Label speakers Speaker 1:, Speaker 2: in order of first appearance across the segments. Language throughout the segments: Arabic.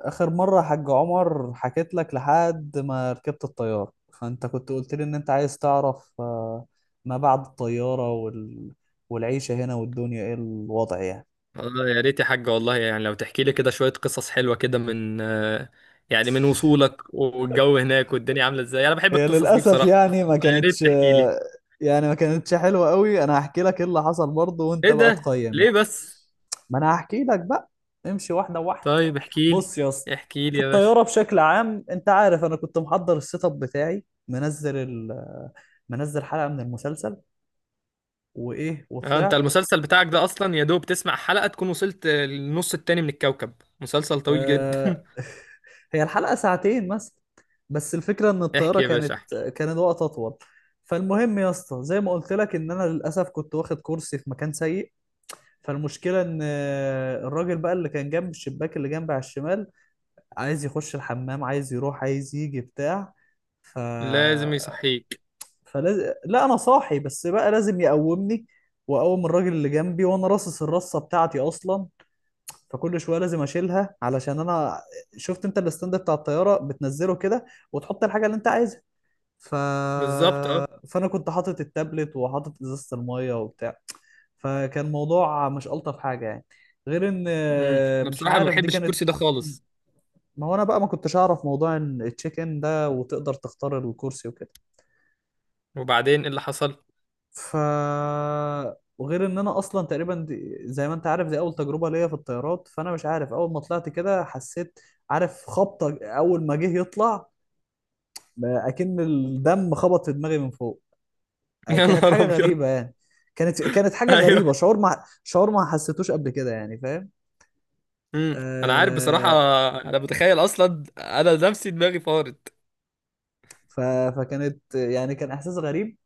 Speaker 1: آخر مرة حاج عمر، حكيت لك لحد ما ركبت الطيارة. فأنت كنت قلت لي إن أنت عايز تعرف، ما بعد الطيارة والعيشة هنا والدنيا إيه الوضع يعني.
Speaker 2: اه، يا ريت يا حاج، والله يعني لو تحكي لي كده شوية قصص حلوة كده من يعني من وصولك والجو هناك والدنيا عاملة ازاي. انا بحب
Speaker 1: هي
Speaker 2: القصص دي
Speaker 1: للأسف
Speaker 2: بصراحة.
Speaker 1: يعني ما
Speaker 2: يا
Speaker 1: كانتش،
Speaker 2: ريت تحكي لي.
Speaker 1: يعني ما كانتش حلوة قوي. أنا هحكي لك إيه اللي حصل برضه، وأنت
Speaker 2: ايه
Speaker 1: بقى
Speaker 2: ده
Speaker 1: تقيم يعني.
Speaker 2: ليه بس؟
Speaker 1: ما أنا هحكي لك بقى، امشي واحدة واحدة.
Speaker 2: طيب احكي لي.
Speaker 1: بص يا اسطى،
Speaker 2: احكي لي
Speaker 1: في
Speaker 2: يا باشا.
Speaker 1: الطيارة بشكل عام أنت عارف أنا كنت محضر السيت أب بتاعي، منزل منزل حلقة من المسلسل، وإيه
Speaker 2: اه، انت
Speaker 1: وطلعت.
Speaker 2: المسلسل بتاعك ده اصلا يا دوب تسمع حلقة تكون وصلت للنص التاني من الكوكب. مسلسل طويل جدا.
Speaker 1: آه، هي الحلقة ساعتين مثلا، بس الفكرة ان الطيارة
Speaker 2: احكي يا باشا
Speaker 1: كانت،
Speaker 2: احكي.
Speaker 1: كان الوقت اطول. فالمهم يا اسطى، زي ما قلت لك ان انا للاسف كنت واخد كرسي في مكان سيء. فالمشكلة ان، الراجل بقى اللي كان جنب الشباك اللي جنبي على الشمال عايز يخش الحمام، عايز يروح، عايز يجي بتاع. ف
Speaker 2: لازم يصحيك.
Speaker 1: فلاز... لا انا صاحي بس بقى لازم يقومني، واقوم الراجل اللي جنبي وانا راصص الرصة بتاعتي اصلا. فكل شويه لازم اشيلها، علشان انا شفت انت الستاند بتاع الطياره بتنزله كده، وتحط الحاجه اللي انت عايزها. ف...
Speaker 2: بالظبط، اه.
Speaker 1: فانا كنت حاطط التابلت وحاطط ازازه الميه وبتاع. فكان موضوع مش الطف حاجه يعني، غير ان،
Speaker 2: مم. انا
Speaker 1: مش
Speaker 2: بصراحة ما
Speaker 1: عارف دي
Speaker 2: بحبش
Speaker 1: كانت.
Speaker 2: الكرسي ده خالص.
Speaker 1: ما هو انا بقى ما كنتش اعرف موضوع ان التشيك ان ده، وتقدر تختار الكرسي وكده.
Speaker 2: وبعدين ايه اللي حصل؟
Speaker 1: ف وغير ان انا اصلا تقريبا، دي زي ما انت عارف، دي اول تجربه ليا في الطيارات. فانا مش عارف، اول ما طلعت كده حسيت، عارف خبطه اول ما جه يطلع، بقى اكن الدم خبط في دماغي من فوق.
Speaker 2: يا
Speaker 1: كانت
Speaker 2: نهار
Speaker 1: حاجه
Speaker 2: ابيض.
Speaker 1: غريبه يعني، كانت حاجه غريبه،
Speaker 2: ايوه.
Speaker 1: شعور ما حسيتوش قبل كده يعني، فاهم.
Speaker 2: امم انا عارف بصراحه.
Speaker 1: آه.
Speaker 2: انا متخيل اصلا، انا نفسي دماغي فارت.
Speaker 1: ف... يعني كان احساس غريب.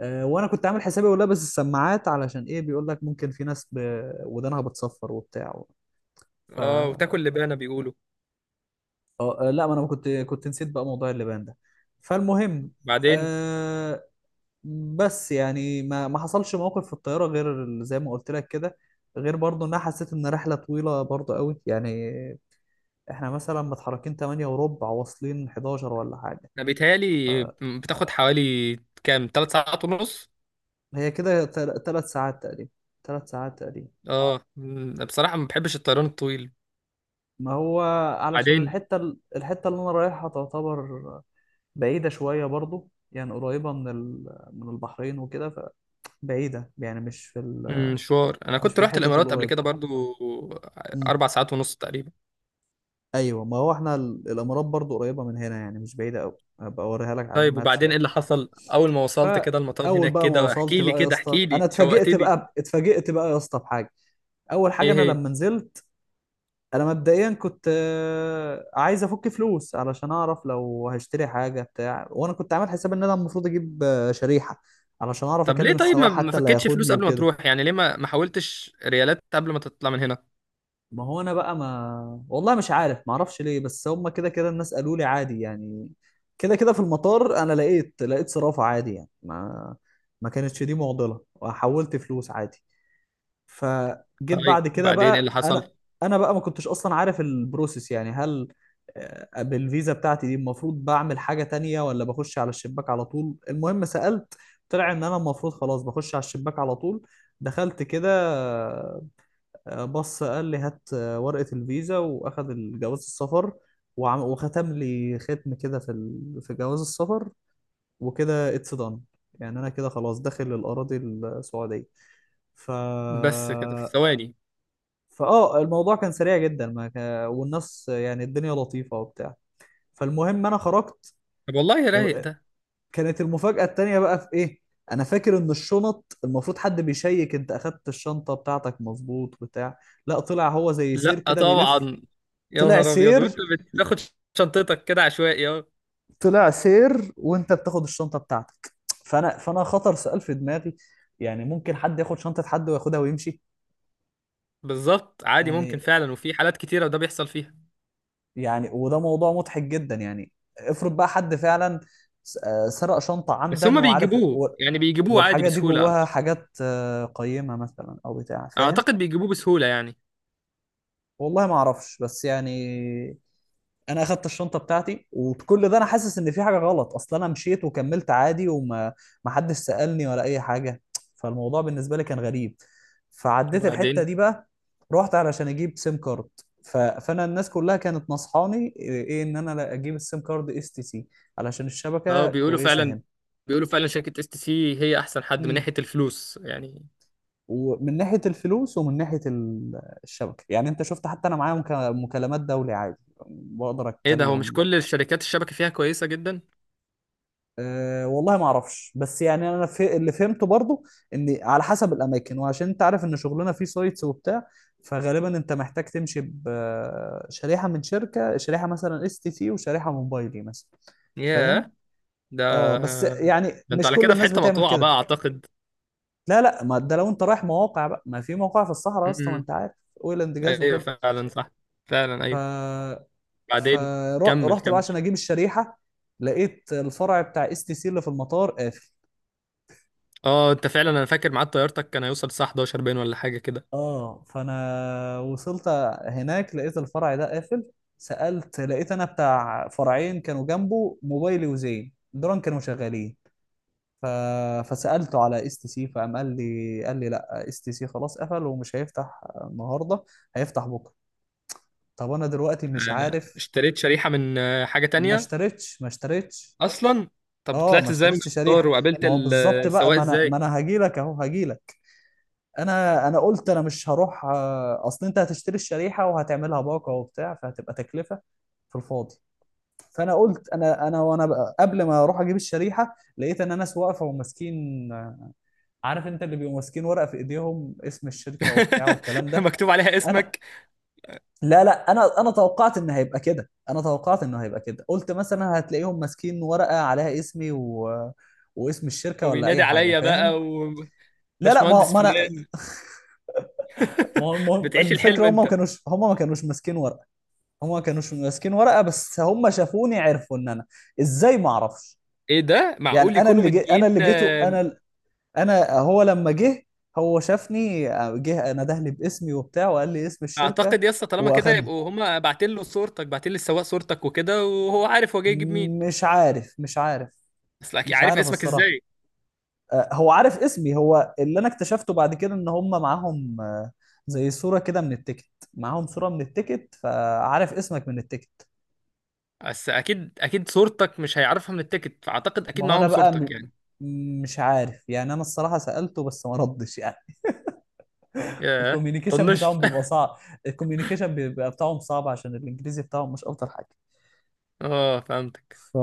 Speaker 1: آه وانا كنت عامل حسابي ولابس السماعات، علشان ايه بيقول لك ممكن في ناس ودانها بتصفر وبتاع. ف
Speaker 2: اه، وتاكل لبانه بيقولوا.
Speaker 1: اه آه، لا، ما انا كنت نسيت بقى موضوع اللبان ده. فالمهم،
Speaker 2: بعدين،
Speaker 1: آه بس يعني ما حصلش موقف في الطياره، غير زي ما قلت لك كده. غير برضو ان انا حسيت ان رحله طويله برضو قوي يعني، احنا مثلا متحركين 8 وربع واصلين 11 ولا حاجه.
Speaker 2: انا بيتهيألي بتاخد حوالي كام، 3 ساعات ونص؟
Speaker 1: هي كده 3 ساعات تقريبا، 3 ساعات تقريبا.
Speaker 2: اه، بصراحه ما بحبش الطيران الطويل.
Speaker 1: ما هو علشان
Speaker 2: بعدين.
Speaker 1: الحته، الحته اللي انا رايحها تعتبر بعيده شويه برضو يعني، قريبه من من البحرين وكده. فبعيده يعني، مش في
Speaker 2: مشوار، انا
Speaker 1: مش في
Speaker 2: كنت رحت
Speaker 1: الحتت
Speaker 2: الامارات قبل
Speaker 1: القريبة.
Speaker 2: كده برضو،
Speaker 1: امم.
Speaker 2: 4 ساعات ونص تقريبا.
Speaker 1: ايوه، ما هو احنا الامارات برضو قريبة من هنا يعني، مش بعيدة قوي، هبقى اوريها لك على
Speaker 2: طيب
Speaker 1: المابس
Speaker 2: وبعدين ايه
Speaker 1: يعني.
Speaker 2: اللي حصل اول ما وصلت كده المطار
Speaker 1: فاول
Speaker 2: هناك
Speaker 1: بقى ما
Speaker 2: كده؟
Speaker 1: وصلت
Speaker 2: واحكي لي
Speaker 1: بقى يا
Speaker 2: كده،
Speaker 1: اسطى،
Speaker 2: احكي
Speaker 1: انا
Speaker 2: لي،
Speaker 1: اتفاجئت
Speaker 2: شوقتني.
Speaker 1: بقى، اتفاجئت بقى يا اسطى بحاجه. اول حاجه،
Speaker 2: ايه
Speaker 1: انا
Speaker 2: هي؟
Speaker 1: لما نزلت، انا مبدئيا كنت، عايز افك فلوس علشان اعرف لو هشتري حاجه بتاع. وانا كنت عامل حساب ان انا المفروض اجيب، شريحه علشان اعرف
Speaker 2: طب ليه؟
Speaker 1: اكلم
Speaker 2: طيب ما
Speaker 1: السواق
Speaker 2: ما
Speaker 1: حتى اللي
Speaker 2: فكتش فلوس
Speaker 1: هياخدني
Speaker 2: قبل ما
Speaker 1: وكده.
Speaker 2: تروح؟ يعني ليه ما حاولتش ريالات قبل ما تطلع من هنا؟
Speaker 1: ما هو انا بقى، ما والله مش عارف، ما اعرفش ليه، بس هم كده كده الناس قالوا لي عادي يعني، كده كده في المطار انا لقيت صرافة عادي، يعني ما كانتش دي معضلة، وحولت فلوس عادي. فجيت
Speaker 2: طيب
Speaker 1: بعد كده
Speaker 2: وبعدين ايه اللي
Speaker 1: بقى، انا
Speaker 2: حصل؟
Speaker 1: انا بقى ما كنتش اصلا عارف البروسيس، يعني هل، بالفيزا بتاعتي دي المفروض بعمل حاجة تانية ولا بخش على الشباك على طول. المهم سألت، طلع ان انا المفروض خلاص بخش على الشباك على طول. دخلت كده، بص قال لي هات، ورقة الفيزا، وأخد الجواز السفر، وعم وختم لي ختم كده في في جواز السفر. وكده اتس دان، يعني أنا كده خلاص داخل الأراضي السعودية. ف
Speaker 2: بس كده في ثواني؟
Speaker 1: فآه الموضوع كان سريع جدا، ما ك... والناس يعني الدنيا لطيفة وبتاع. فالمهم أنا خرجت.
Speaker 2: طب والله رايق
Speaker 1: آه،
Speaker 2: ده.
Speaker 1: كانت المفاجأة التانية بقى في إيه؟ أنا فاكر إن الشنط المفروض حد بيشيك، أنت أخدت الشنطة بتاعتك مظبوط بتاع. لا، طلع هو زي سير
Speaker 2: لا
Speaker 1: كده بيلف.
Speaker 2: طبعا. يا
Speaker 1: طلع
Speaker 2: نهار ابيض، وانت
Speaker 1: سير
Speaker 2: بتاخد شنطتك كده عشوائي؟ اه.
Speaker 1: طلع سير وانت بتاخد الشنطه بتاعتك. فانا خطر سؤال في دماغي، يعني ممكن حد ياخد شنطه حد وياخدها ويمشي.
Speaker 2: بالظبط، عادي ممكن
Speaker 1: يعني
Speaker 2: فعلا، وفي حالات كتيره ده بيحصل فيها.
Speaker 1: يعني وده موضوع مضحك جدا يعني. افرض بقى حد فعلا سرق شنطه
Speaker 2: بس
Speaker 1: عمدا
Speaker 2: هما
Speaker 1: وعارف،
Speaker 2: بيجيبوه، يعني بيجيبوه عادي
Speaker 1: والحاجه دي
Speaker 2: بسهوله
Speaker 1: جواها
Speaker 2: اعتقد.
Speaker 1: حاجات، قيمه مثلا او بتاع، فاهم.
Speaker 2: اعتقد بيجيبوه بسهوله يعني.
Speaker 1: والله ما اعرفش بس يعني، انا اخدت الشنطه بتاعتي وكل ده انا حاسس ان في حاجه غلط. اصل انا مشيت وكملت عادي، وما ما حدش سالني ولا اي حاجه. فالموضوع بالنسبه لي كان غريب. فعديت الحته
Speaker 2: وبعدين.
Speaker 1: دي بقى، رحت علشان اجيب سيم كارد. فانا الناس كلها كانت نصحاني ايه، ان انا لا اجيب السيم كارد اس تي سي علشان
Speaker 2: اه،
Speaker 1: الشبكه
Speaker 2: بيقولوا
Speaker 1: كويسه
Speaker 2: فعلا.
Speaker 1: هنا.
Speaker 2: بيقولوا فعلا شركه STC هي احسن حد من
Speaker 1: مم.
Speaker 2: ناحيه الفلوس يعني.
Speaker 1: ومن ناحيه الفلوس ومن ناحيه الشبكه يعني، انت شفت. حتى انا معايا مكالمات دولي عادي، بقدر
Speaker 2: ايه ده، هو مش
Speaker 1: اتكلم.
Speaker 2: كل الشركات الشبكه فيها كويسه جدا؟
Speaker 1: أه، والله ما اعرفش، بس يعني انا في اللي فهمته برضو، ان على حسب الاماكن. وعشان انت عارف ان شغلنا فيه سايتس وبتاع، فغالبا انت محتاج تمشي بشريحه من شركه، شريحه مثلا اس تي سي وشريحه موبايلي مثلا، فاهم.
Speaker 2: ياه. ده
Speaker 1: اه بس يعني
Speaker 2: ده انتوا
Speaker 1: مش
Speaker 2: على
Speaker 1: كل
Speaker 2: كده في
Speaker 1: الناس
Speaker 2: حته
Speaker 1: بتعمل
Speaker 2: مقطوعه بقى
Speaker 1: كده.
Speaker 2: اعتقد.
Speaker 1: لا، لا، ما ده لو انت رايح مواقع بقى، ما في مواقع في الصحراء يا اسطى، ما
Speaker 2: امم.
Speaker 1: انت عارف، اويل اند جاز
Speaker 2: ايوه
Speaker 1: وكده.
Speaker 2: فعلا صح. فعلا ايوه.
Speaker 1: ف
Speaker 2: بعدين. كمل
Speaker 1: فرحت بقى عشان
Speaker 2: كمل.
Speaker 1: اجيب الشريحه، لقيت الفرع بتاع اس تي سي اللي في المطار قافل.
Speaker 2: اه، انت فعلا. انا فاكر ميعاد طيارتك كان هيوصل الساعه 11 باين ولا حاجه كده.
Speaker 1: اه، فانا وصلت هناك لقيت الفرع ده قافل. سألت، لقيت انا بتاع فرعين كانوا جنبه، موبايلي وزين، دول كانوا شغالين. ف... فسألته على اس تي سي، فقام قال لي لا، اس تي سي خلاص قفل ومش هيفتح النهارده، هيفتح بكره. طب انا دلوقتي مش عارف.
Speaker 2: اشتريت شريحه من حاجه
Speaker 1: ما
Speaker 2: تانية
Speaker 1: اشتريتش، ما اشتريتش.
Speaker 2: اصلا؟ طب
Speaker 1: اه ما
Speaker 2: طلعت ازاي من
Speaker 1: اشتريتش
Speaker 2: القطار
Speaker 1: شريحه.
Speaker 2: وقابلت
Speaker 1: ما هو بالظبط بقى،
Speaker 2: السواق
Speaker 1: ما
Speaker 2: ازاي؟
Speaker 1: انا هاجي لك اهو، هاجي لك. انا قلت انا مش هروح، اصل انت هتشتري الشريحه وهتعملها باقه وبتاع فهتبقى تكلفه في الفاضي. فانا قلت انا، انا وانا بقى قبل ما اروح اجيب الشريحه، لقيت ان ناس واقفه وماسكين، عارف انت اللي بيبقوا ماسكين ورقه في ايديهم، اسم الشركه وبتاع والكلام ده.
Speaker 2: مكتوب عليها
Speaker 1: انا
Speaker 2: اسمك؟
Speaker 1: لا، لا، انا توقعت ان هيبقى كده، انا توقعت انه هيبقى كده، قلت مثلا هتلاقيهم ماسكين ورقه عليها اسمي واسم الشركه ولا
Speaker 2: وبينادي
Speaker 1: اي حاجه،
Speaker 2: عليا بقى،
Speaker 1: فاهم. لا، لا،
Speaker 2: وباشمهندس فلان؟
Speaker 1: ما هو المهم
Speaker 2: بتعيش الحلم
Speaker 1: الفكره،
Speaker 2: انت.
Speaker 1: هم ما كانوش ماسكين ورقه، هما كانوش ماسكين ورقه. بس هم شافوني عرفوا ان انا. ازاي؟ ما اعرفش
Speaker 2: ايه ده،
Speaker 1: يعني.
Speaker 2: معقول يكونوا مدين؟
Speaker 1: انا اللي جيته، انا هو لما جه، هو شافني، جه نده لي باسمي وبتاع وقال لي اسم الشركه
Speaker 2: اعتقد يا اسطى، طالما كده
Speaker 1: واخدني.
Speaker 2: يبقوا هما باعتين له صورتك، باعتين للسواق صورتك وكده، وهو عارف هو جاي يجيب مين.
Speaker 1: مش عارف، مش عارف،
Speaker 2: بس اكيد
Speaker 1: مش
Speaker 2: عارف
Speaker 1: عارف
Speaker 2: اسمك
Speaker 1: الصراحه.
Speaker 2: ازاي.
Speaker 1: هو عارف اسمي. هو اللي انا اكتشفته بعد كده، ان هم معاهم، زي صوره كده من التيكت. معاهم صوره من التيكت فعارف اسمك من التيكت.
Speaker 2: بس اكيد اكيد صورتك مش هيعرفها من التيكت، فاعتقد اكيد
Speaker 1: ما هو انا
Speaker 2: معاهم
Speaker 1: بقى
Speaker 2: صورتك يعني.
Speaker 1: مش عارف يعني. انا الصراحه سالته بس ما ردش يعني.
Speaker 2: ياه.
Speaker 1: الكوميونيكيشن
Speaker 2: طنش.
Speaker 1: بتاعهم بيبقى صعب الكوميونيكيشن بيبقى بتاعهم صعب، عشان الانجليزي بتاعهم مش افضل حاجه.
Speaker 2: اه، فهمتك.
Speaker 1: ف...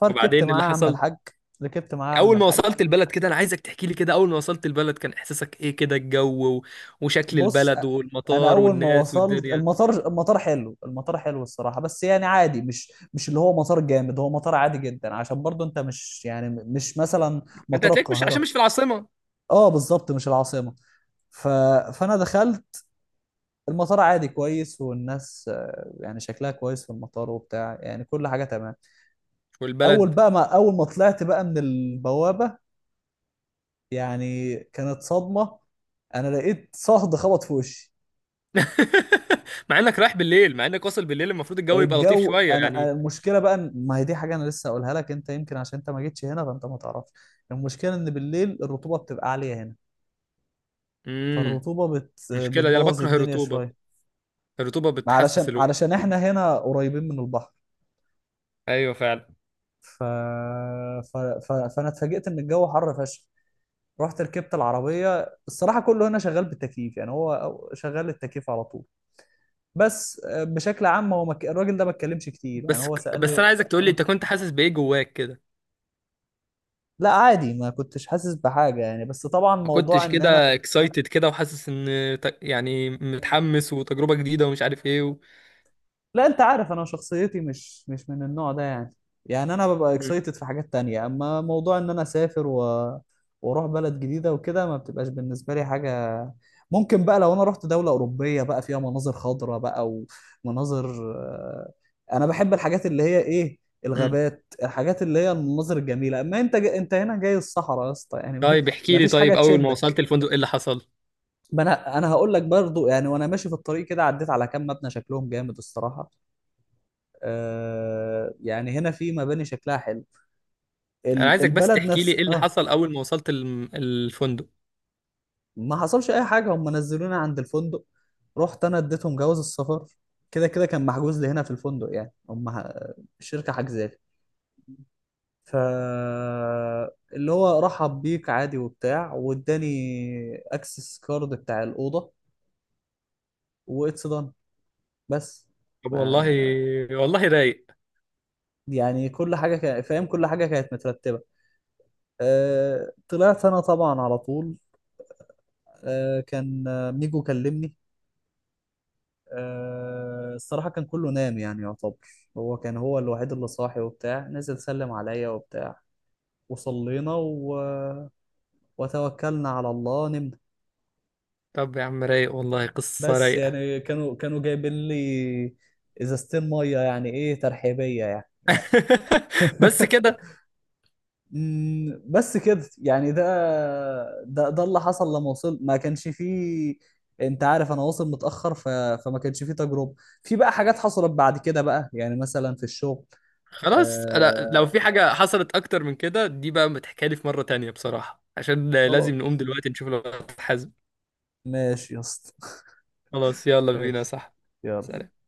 Speaker 1: فركبت
Speaker 2: وبعدين إيه اللي
Speaker 1: معاه يا عم
Speaker 2: حصل
Speaker 1: الحاج، ركبت معاه يا عم
Speaker 2: اول ما
Speaker 1: الحاج.
Speaker 2: وصلت البلد كده؟ انا عايزك تحكي لي كده، اول ما وصلت البلد كان احساسك ايه كده؟ الجو وشكل
Speaker 1: بص
Speaker 2: البلد
Speaker 1: انا
Speaker 2: والمطار
Speaker 1: اول ما
Speaker 2: والناس
Speaker 1: وصلت
Speaker 2: والدنيا.
Speaker 1: المطار، المطار حلو، المطار حلو الصراحه، بس يعني عادي، مش اللي هو مطار جامد، هو مطار عادي جدا، عشان برضو انت مش يعني مش مثلا
Speaker 2: انت
Speaker 1: مطار
Speaker 2: هتلاقيك مش عشان
Speaker 1: القاهره.
Speaker 2: مش في العاصمة.
Speaker 1: اه بالظبط، مش العاصمه. ف... فانا دخلت المطار عادي كويس. والناس يعني شكلها كويس في المطار وبتاع، يعني كل حاجه تمام.
Speaker 2: والبلد؟
Speaker 1: اول ما طلعت بقى من البوابه، يعني كانت صدمه، انا لقيت صهد خبط في وشي.
Speaker 2: مع انك رايح بالليل، مع انك واصل بالليل المفروض الجو يبقى لطيف شويه يعني.
Speaker 1: المشكله بقى، ما هي دي حاجه انا لسه اقولها لك، انت يمكن عشان انت ما جيتش هنا فانت ما تعرفش. المشكله ان بالليل الرطوبه بتبقى عاليه هنا،
Speaker 2: امم
Speaker 1: فالرطوبه
Speaker 2: مشكله دي، انا
Speaker 1: بتبوظ
Speaker 2: بكره
Speaker 1: الدنيا
Speaker 2: الرطوبه.
Speaker 1: شويه،
Speaker 2: الرطوبه بتحسس الوقت.
Speaker 1: علشان احنا هنا قريبين من البحر.
Speaker 2: ايوه فعلا.
Speaker 1: ف... فانا اتفاجئت ان الجو حر فشخ. رحت ركبت العربيه، الصراحه كله هنا شغال بالتكييف يعني، هو شغال التكييف على طول. بس بشكل عام هو الراجل ده ما اتكلمش كتير يعني،
Speaker 2: بس
Speaker 1: هو
Speaker 2: بس
Speaker 1: سألني.
Speaker 2: انا عايزك تقول لي انت
Speaker 1: آه.
Speaker 2: كنت حاسس بايه جواك كده.
Speaker 1: لا عادي، ما كنتش حاسس بحاجة يعني، بس طبعا
Speaker 2: ما
Speaker 1: موضوع
Speaker 2: كنتش
Speaker 1: ان انا،
Speaker 2: كده اكسايتد كده وحاسس ان، يعني متحمس وتجربه جديده ومش عارف ايه
Speaker 1: لا انت عارف انا شخصيتي مش من النوع ده يعني. يعني انا ببقى
Speaker 2: مم.
Speaker 1: اكسايتد في حاجات تانية، اما موضوع ان انا اسافر واروح بلد جديدة وكده، ما بتبقاش بالنسبة لي حاجة. ممكن بقى لو انا رحت دولة اوروبية بقى فيها مناظر خضراء بقى، ومناظر آه، انا بحب الحاجات اللي هي ايه،
Speaker 2: مم.
Speaker 1: الغابات، الحاجات اللي هي المناظر الجميلة. اما انت انت هنا جاي الصحراء يا اسطى يعني،
Speaker 2: طيب احكي
Speaker 1: ما
Speaker 2: لي.
Speaker 1: فيش حاجة
Speaker 2: طيب اول ما
Speaker 1: تشدك.
Speaker 2: وصلت الفندق ايه اللي حصل؟
Speaker 1: ما انا هقول لك برضو يعني، وانا ماشي في الطريق كده عديت على كام مبنى شكلهم جامد الصراحة. يعني هنا في مباني شكلها حلو،
Speaker 2: انا عايزك بس
Speaker 1: البلد
Speaker 2: تحكي لي
Speaker 1: نفس
Speaker 2: ايه اللي
Speaker 1: اه
Speaker 2: حصل اول ما وصلت الفندق.
Speaker 1: ما حصلش اي حاجه، هم نزلوني عند الفندق. رحت انا اديتهم جواز السفر، كده كده كان محجوز لي هنا في الفندق يعني، الشركه حجزالي. ف اللي هو رحب بيك عادي وبتاع، واداني اكسس كارد بتاع الاوضه واتس دان بس.
Speaker 2: طب والله.
Speaker 1: ما-
Speaker 2: والله رايق.
Speaker 1: يعني كل حاجه كان فاهم، كل حاجه كانت مترتبه. طلعت انا طبعا على طول، كان آه، ميجو كلمني. الصراحة كان كله نام يعني يعتبر. كان هو الوحيد اللي صاحي وبتاع، نزل سلم عليا وبتاع، وصلينا وتوكلنا على الله، نمنا.
Speaker 2: طب يا عم رايق والله، قصه
Speaker 1: بس
Speaker 2: رايقه.
Speaker 1: يعني كانوا جايبين لي ازازتين مية، يعني ايه، ترحيبية يعني.
Speaker 2: بس كده.
Speaker 1: بس كده يعني، ده اللي حصل لما وصل، ما كانش فيه. انت عارف انا واصل متأخر، فما كانش فيه تجربة. في بقى حاجات حصلت بعد كده بقى يعني، مثلا في الشغل.
Speaker 2: خلاص، انا لو
Speaker 1: آه.
Speaker 2: في حاجة حصلت اكتر من كده دي بقى متحكالي في مرة تانية بصراحة، عشان لازم نقوم
Speaker 1: خلاص،
Speaker 2: دلوقتي نشوف لو حازم.
Speaker 1: ماشي يا اسطى.
Speaker 2: خلاص يلا بينا،
Speaker 1: ماشي،
Speaker 2: صح؟
Speaker 1: يلا.
Speaker 2: سلام.